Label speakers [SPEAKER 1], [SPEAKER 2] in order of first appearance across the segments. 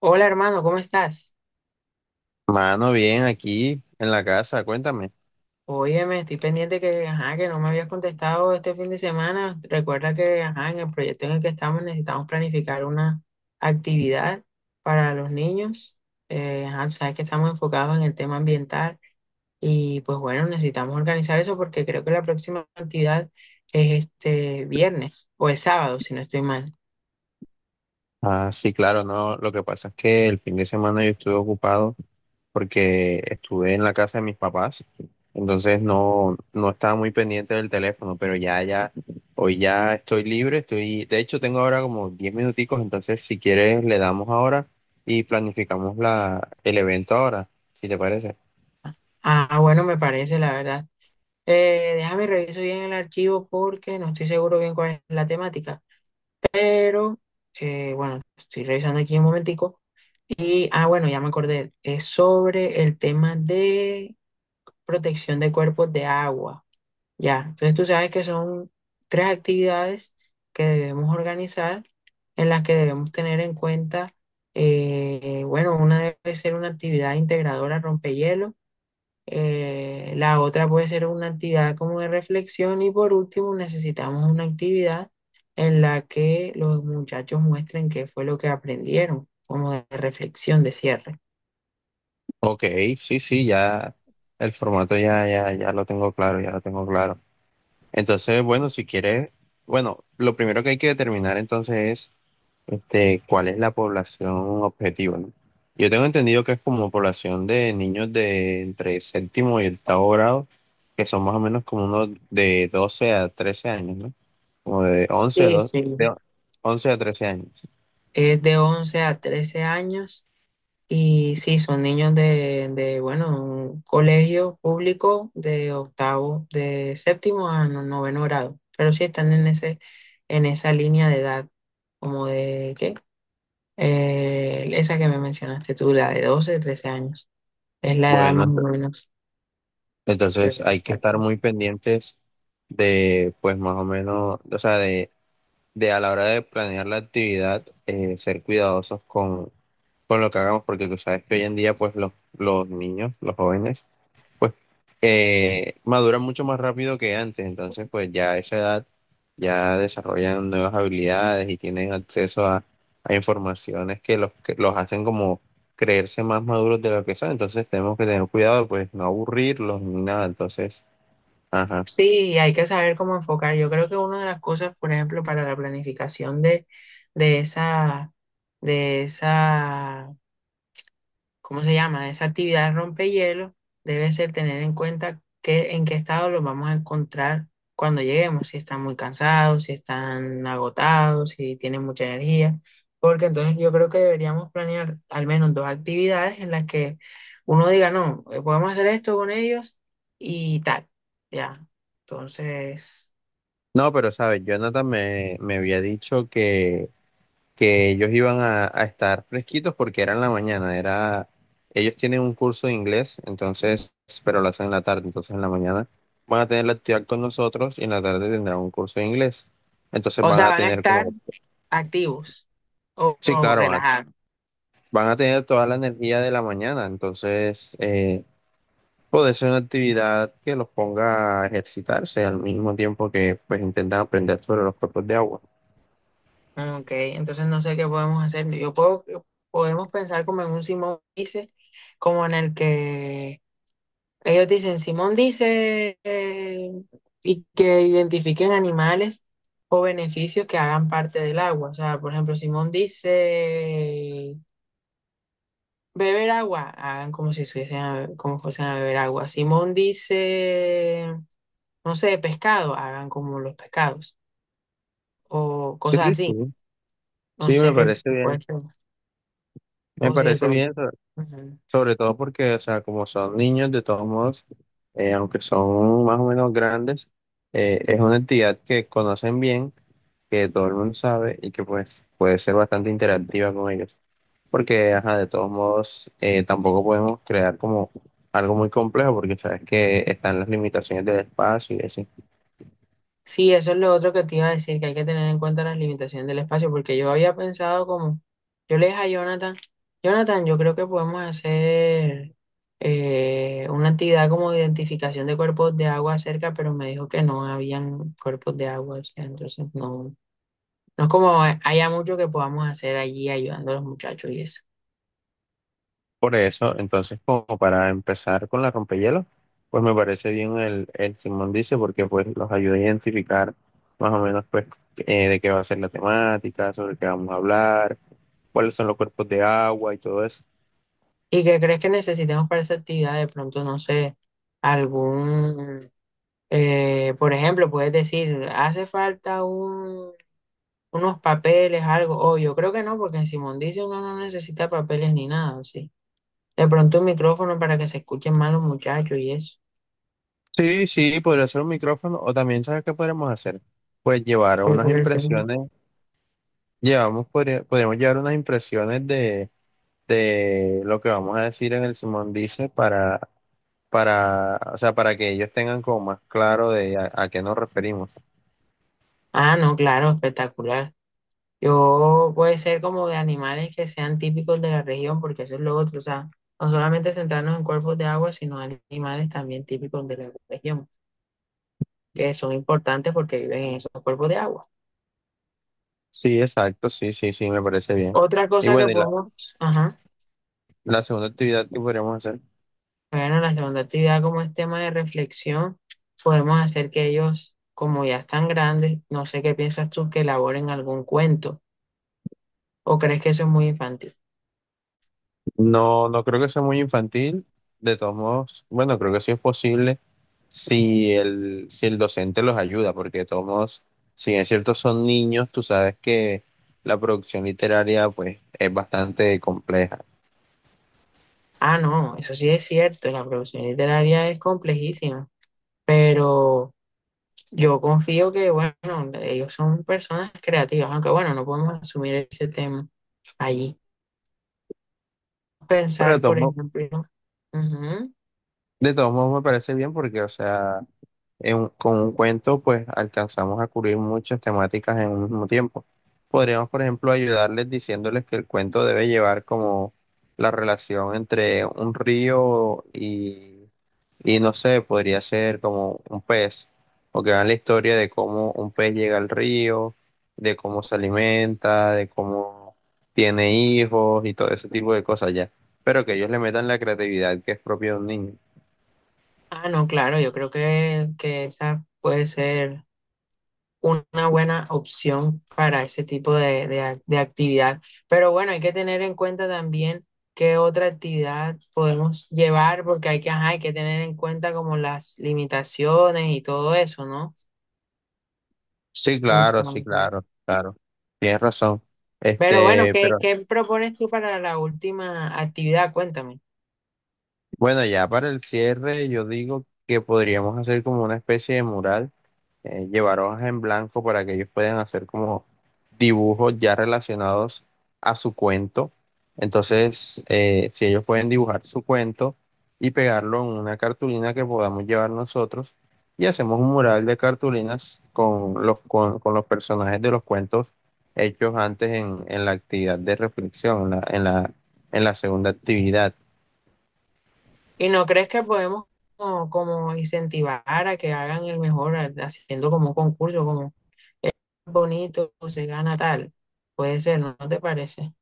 [SPEAKER 1] Hola hermano, ¿cómo estás?
[SPEAKER 2] Mano, bien, aquí en la casa, cuéntame.
[SPEAKER 1] Óyeme, estoy pendiente que, ajá, que no me habías contestado este fin de semana. Recuerda que, ajá, en el proyecto en el que estamos necesitamos planificar una actividad para los niños. Ajá, sabes que estamos enfocados en el tema ambiental y pues bueno, necesitamos organizar eso porque creo que la próxima actividad es este viernes o el sábado, si no estoy mal.
[SPEAKER 2] Ah, sí, claro, no. Lo que pasa es que el fin de semana yo estuve ocupado porque estuve en la casa de mis papás, entonces no estaba muy pendiente del teléfono, pero ya, ya, hoy ya estoy libre, estoy, de hecho tengo ahora como 10 minuticos, entonces si quieres le damos ahora y planificamos el evento ahora, si te parece.
[SPEAKER 1] Ah, bueno, me parece, la verdad. Déjame reviso bien el archivo porque no estoy seguro bien cuál es la temática. Pero, bueno, estoy revisando aquí un momentico. Bueno, ya me acordé. Es sobre el tema de protección de cuerpos de agua. Ya, entonces tú sabes que son tres actividades que debemos organizar, en las que debemos tener en cuenta, bueno, una debe ser una actividad integradora rompehielo, la otra puede ser una actividad como de reflexión y por último necesitamos una actividad en la que los muchachos muestren qué fue lo que aprendieron, como de reflexión de cierre.
[SPEAKER 2] Ok, sí, sí, ya el formato ya, ya lo tengo claro, ya lo tengo claro. Entonces, bueno, si quieres, bueno, lo primero que hay que determinar entonces es este, ¿cuál es la población objetiva? ¿No? Yo tengo entendido que es como población de niños de entre séptimo y octavo grado, que son más o menos como unos de 12 a 13 años, ¿no? Como de 11 a
[SPEAKER 1] Sí,
[SPEAKER 2] 12
[SPEAKER 1] sí.
[SPEAKER 2] de 11 a 13 años.
[SPEAKER 1] Es de 11 a 13 años y sí, son niños de bueno, un colegio público de octavo, de séptimo a noveno grado, pero sí están en ese, en esa línea de edad, como de, ¿qué? Esa que me mencionaste tú, la de 12, 13 años, es la edad
[SPEAKER 2] Bueno,
[SPEAKER 1] más o menos. Pero,
[SPEAKER 2] entonces hay que estar
[SPEAKER 1] exacto.
[SPEAKER 2] muy pendientes de, pues más o menos, o sea, de a la hora de planear la actividad, ser cuidadosos con lo que hagamos, porque tú sabes que hoy en día, pues los niños, los jóvenes, pues maduran mucho más rápido que antes, entonces pues ya a esa edad ya desarrollan nuevas habilidades y tienen acceso a informaciones que que los hacen como creerse más maduros de lo que son, entonces tenemos que tener cuidado, pues no aburrirlos ni nada, entonces, ajá.
[SPEAKER 1] Sí, hay que saber cómo enfocar. Yo creo que una de las cosas, por ejemplo, para la planificación de esa, de esa ¿cómo se llama? Esa actividad rompehielo debe ser tener en cuenta que, en qué estado los vamos a encontrar cuando lleguemos, si están muy cansados, si están agotados, si tienen mucha energía, porque entonces yo creo que deberíamos planear al menos dos actividades en las que uno diga, no, podemos hacer esto con ellos y tal, ya. Entonces,
[SPEAKER 2] No, pero sabes, Jonathan me había dicho que ellos iban a estar fresquitos porque era en la mañana, era, ellos tienen un curso de inglés, entonces, pero lo hacen en la tarde, entonces en la mañana van a tener la actividad con nosotros y en la tarde tendrán un curso de inglés. Entonces
[SPEAKER 1] o
[SPEAKER 2] van
[SPEAKER 1] sea,
[SPEAKER 2] a
[SPEAKER 1] van a
[SPEAKER 2] tener
[SPEAKER 1] estar
[SPEAKER 2] como,
[SPEAKER 1] activos o,
[SPEAKER 2] sí,
[SPEAKER 1] o
[SPEAKER 2] claro,
[SPEAKER 1] relajados.
[SPEAKER 2] van a tener toda la energía de la mañana, entonces puede ser una actividad que los ponga a ejercitarse al mismo tiempo que pues intentan aprender sobre los cuerpos de agua.
[SPEAKER 1] Ah, ok, entonces no sé qué podemos hacer. Podemos pensar como en un Simón dice, como en el que ellos dicen, Simón dice, y que identifiquen animales o beneficios que hagan parte del agua. O sea, por ejemplo, Simón dice, beber agua, hagan como si fuesen a, como fuesen a beber agua. Simón dice, no sé, pescado, hagan como los pescados, o
[SPEAKER 2] Sí,
[SPEAKER 1] cosas así.
[SPEAKER 2] sí.
[SPEAKER 1] No
[SPEAKER 2] Sí,
[SPEAKER 1] sé
[SPEAKER 2] me
[SPEAKER 1] qué
[SPEAKER 2] parece
[SPEAKER 1] puede
[SPEAKER 2] bien,
[SPEAKER 1] ser,
[SPEAKER 2] me
[SPEAKER 1] o si de
[SPEAKER 2] parece
[SPEAKER 1] pronto.
[SPEAKER 2] bien.
[SPEAKER 1] Ujú.
[SPEAKER 2] Sobre todo porque, o sea, como son niños, de todos modos, aunque son más o menos grandes, es una entidad que conocen bien, que todo el mundo sabe y que pues puede ser bastante interactiva con ellos. Porque, ajá, de todos modos, tampoco podemos crear como algo muy complejo porque sabes que están las limitaciones del espacio y así.
[SPEAKER 1] Sí, eso es lo otro que te iba a decir, que hay que tener en cuenta las limitaciones del espacio, porque yo había pensado como, yo le dije a Jonathan, Jonathan, yo creo que podemos hacer una actividad como de identificación de cuerpos de agua cerca, pero me dijo que no habían cuerpos de agua, o sea, entonces no, no es como haya mucho que podamos hacer allí ayudando a los muchachos y eso.
[SPEAKER 2] Por eso, entonces, como para empezar con la rompehielos, pues me parece bien el Simón dice, porque pues los ayuda a identificar más o menos pues de qué va a ser la temática, sobre qué vamos a hablar, cuáles son los cuerpos de agua y todo eso.
[SPEAKER 1] ¿Y qué crees que necesitemos para esa actividad? De pronto, no sé, algún... Por ejemplo, puedes decir, hace falta unos papeles, algo. Oh, yo creo que no, porque en Simondice uno no necesita papeles ni nada, sí. De pronto un micrófono para que se escuchen más los muchachos y eso.
[SPEAKER 2] Sí, sí, podría ser un micrófono, o también, ¿sabes qué podríamos hacer? Pues llevar
[SPEAKER 1] Pero
[SPEAKER 2] unas
[SPEAKER 1] por el segundo-
[SPEAKER 2] impresiones, llevamos, podríamos llevar unas impresiones de lo que vamos a decir en el Simón dice para, o sea, para que ellos tengan como más claro de a qué nos referimos.
[SPEAKER 1] Ah, no, claro, espectacular. Yo puede ser como de animales que sean típicos de la región, porque eso es lo otro, o sea, no solamente centrarnos en cuerpos de agua, sino animales también típicos de la región, que son importantes porque viven en esos cuerpos de agua.
[SPEAKER 2] Sí, exacto, sí, sí, sí, me parece bien.
[SPEAKER 1] Otra
[SPEAKER 2] Y
[SPEAKER 1] cosa que
[SPEAKER 2] bueno,
[SPEAKER 1] podemos, ajá.
[SPEAKER 2] la segunda actividad que podríamos hacer,
[SPEAKER 1] Bueno, la segunda actividad, como es tema de reflexión, podemos hacer que ellos, como ya están grandes, no sé qué piensas tú, que elaboren algún cuento o crees que eso es muy infantil.
[SPEAKER 2] no, no creo que sea muy infantil, de todos modos, bueno, creo que sí es posible si si el docente los ayuda, porque de todos modos, si bien es cierto son niños, tú sabes que la producción literaria pues es bastante compleja.
[SPEAKER 1] Ah, no, eso sí es cierto, la producción literaria es complejísima, pero yo confío que, bueno, ellos son personas creativas, aunque bueno, no podemos asumir ese tema allí.
[SPEAKER 2] Pero
[SPEAKER 1] Pensar, por ejemplo, ujú,
[SPEAKER 2] de todos modos me parece bien porque, o sea, con un cuento, pues alcanzamos a cubrir muchas temáticas en un mismo tiempo. Podríamos, por ejemplo, ayudarles diciéndoles que el cuento debe llevar como la relación entre un río y no sé, podría ser como un pez, o que hagan la historia de cómo un pez llega al río, de cómo se alimenta, de cómo tiene hijos y todo ese tipo de cosas ya. Pero que ellos le metan la creatividad que es propia de un niño.
[SPEAKER 1] ah, no, claro, yo creo que esa puede ser una buena opción para ese tipo de actividad. Pero bueno, hay que tener en cuenta también qué otra actividad podemos llevar, porque hay que, ajá, hay que tener en cuenta como las limitaciones y todo eso, ¿no?
[SPEAKER 2] Sí, claro, sí,
[SPEAKER 1] Entonces,
[SPEAKER 2] claro, claro. Tienes razón.
[SPEAKER 1] pero bueno,
[SPEAKER 2] Este,
[SPEAKER 1] ¿qué,
[SPEAKER 2] pero
[SPEAKER 1] qué propones tú para la última actividad? Cuéntame.
[SPEAKER 2] bueno, ya para el cierre, yo digo que podríamos hacer como una especie de mural, llevar hojas en blanco para que ellos puedan hacer como dibujos ya relacionados a su cuento. Entonces, si ellos pueden dibujar su cuento y pegarlo en una cartulina que podamos llevar nosotros, y hacemos un mural de cartulinas con con los personajes de los cuentos hechos antes en la actividad de reflexión, en la segunda actividad.
[SPEAKER 1] ¿Y no crees que podemos como, como incentivar a que hagan el mejor haciendo como un concurso, como "Eh, bonito, se gana tal"? Puede ser, ¿no? ¿No te parece?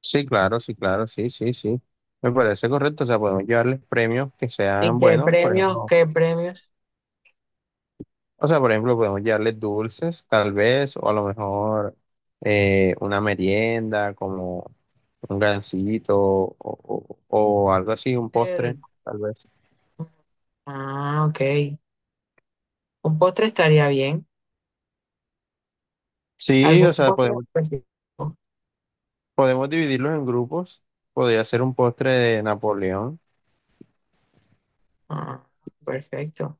[SPEAKER 2] Sí, claro, sí, claro, sí, sí, sí. Me parece correcto. O sea, podemos llevarles premios que
[SPEAKER 1] ¿Y
[SPEAKER 2] sean
[SPEAKER 1] qué
[SPEAKER 2] buenos, por
[SPEAKER 1] premios?
[SPEAKER 2] ejemplo.
[SPEAKER 1] ¿Qué premios?
[SPEAKER 2] O sea, por ejemplo, podemos llevarles dulces, tal vez, o a lo mejor una merienda, como un gansito o algo así, un
[SPEAKER 1] Eh,
[SPEAKER 2] postre, tal vez.
[SPEAKER 1] Ah, ok. Un postre estaría bien.
[SPEAKER 2] Sí,
[SPEAKER 1] ¿Algún
[SPEAKER 2] o sea,
[SPEAKER 1] postre
[SPEAKER 2] podemos,
[SPEAKER 1] específico?
[SPEAKER 2] podemos dividirlos en grupos. Podría ser un postre de Napoleón.
[SPEAKER 1] Ah, perfecto.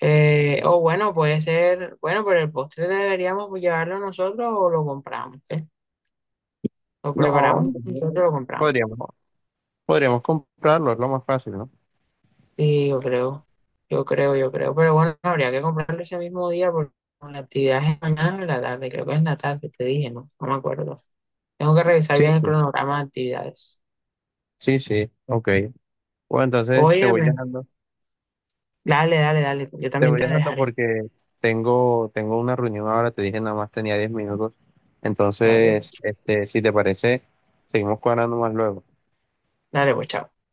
[SPEAKER 1] O bueno, puede ser, bueno, pero el postre deberíamos llevarlo nosotros o lo compramos, ¿eh? Lo
[SPEAKER 2] No,
[SPEAKER 1] preparamos nosotros, lo compramos.
[SPEAKER 2] podríamos, podríamos comprarlo, es lo más fácil, ¿no?
[SPEAKER 1] Sí, yo creo. Pero bueno, habría que comprarlo ese mismo día porque la actividad es mañana en la tarde, creo que es en la tarde, te dije, ¿no? No me acuerdo. Tengo que revisar
[SPEAKER 2] Sí,
[SPEAKER 1] bien el
[SPEAKER 2] sí.
[SPEAKER 1] cronograma de actividades.
[SPEAKER 2] Sí, sí, ok. Bueno, entonces
[SPEAKER 1] Oye, dale, dale, dale. Yo
[SPEAKER 2] te
[SPEAKER 1] también
[SPEAKER 2] voy
[SPEAKER 1] te
[SPEAKER 2] dejando
[SPEAKER 1] dejaré.
[SPEAKER 2] porque tengo, tengo una reunión ahora, te dije nada más tenía 10 minutos.
[SPEAKER 1] Dale,
[SPEAKER 2] Entonces,
[SPEAKER 1] pues.
[SPEAKER 2] este, si te parece, seguimos cuadrando más luego.
[SPEAKER 1] Dale, pues, chao.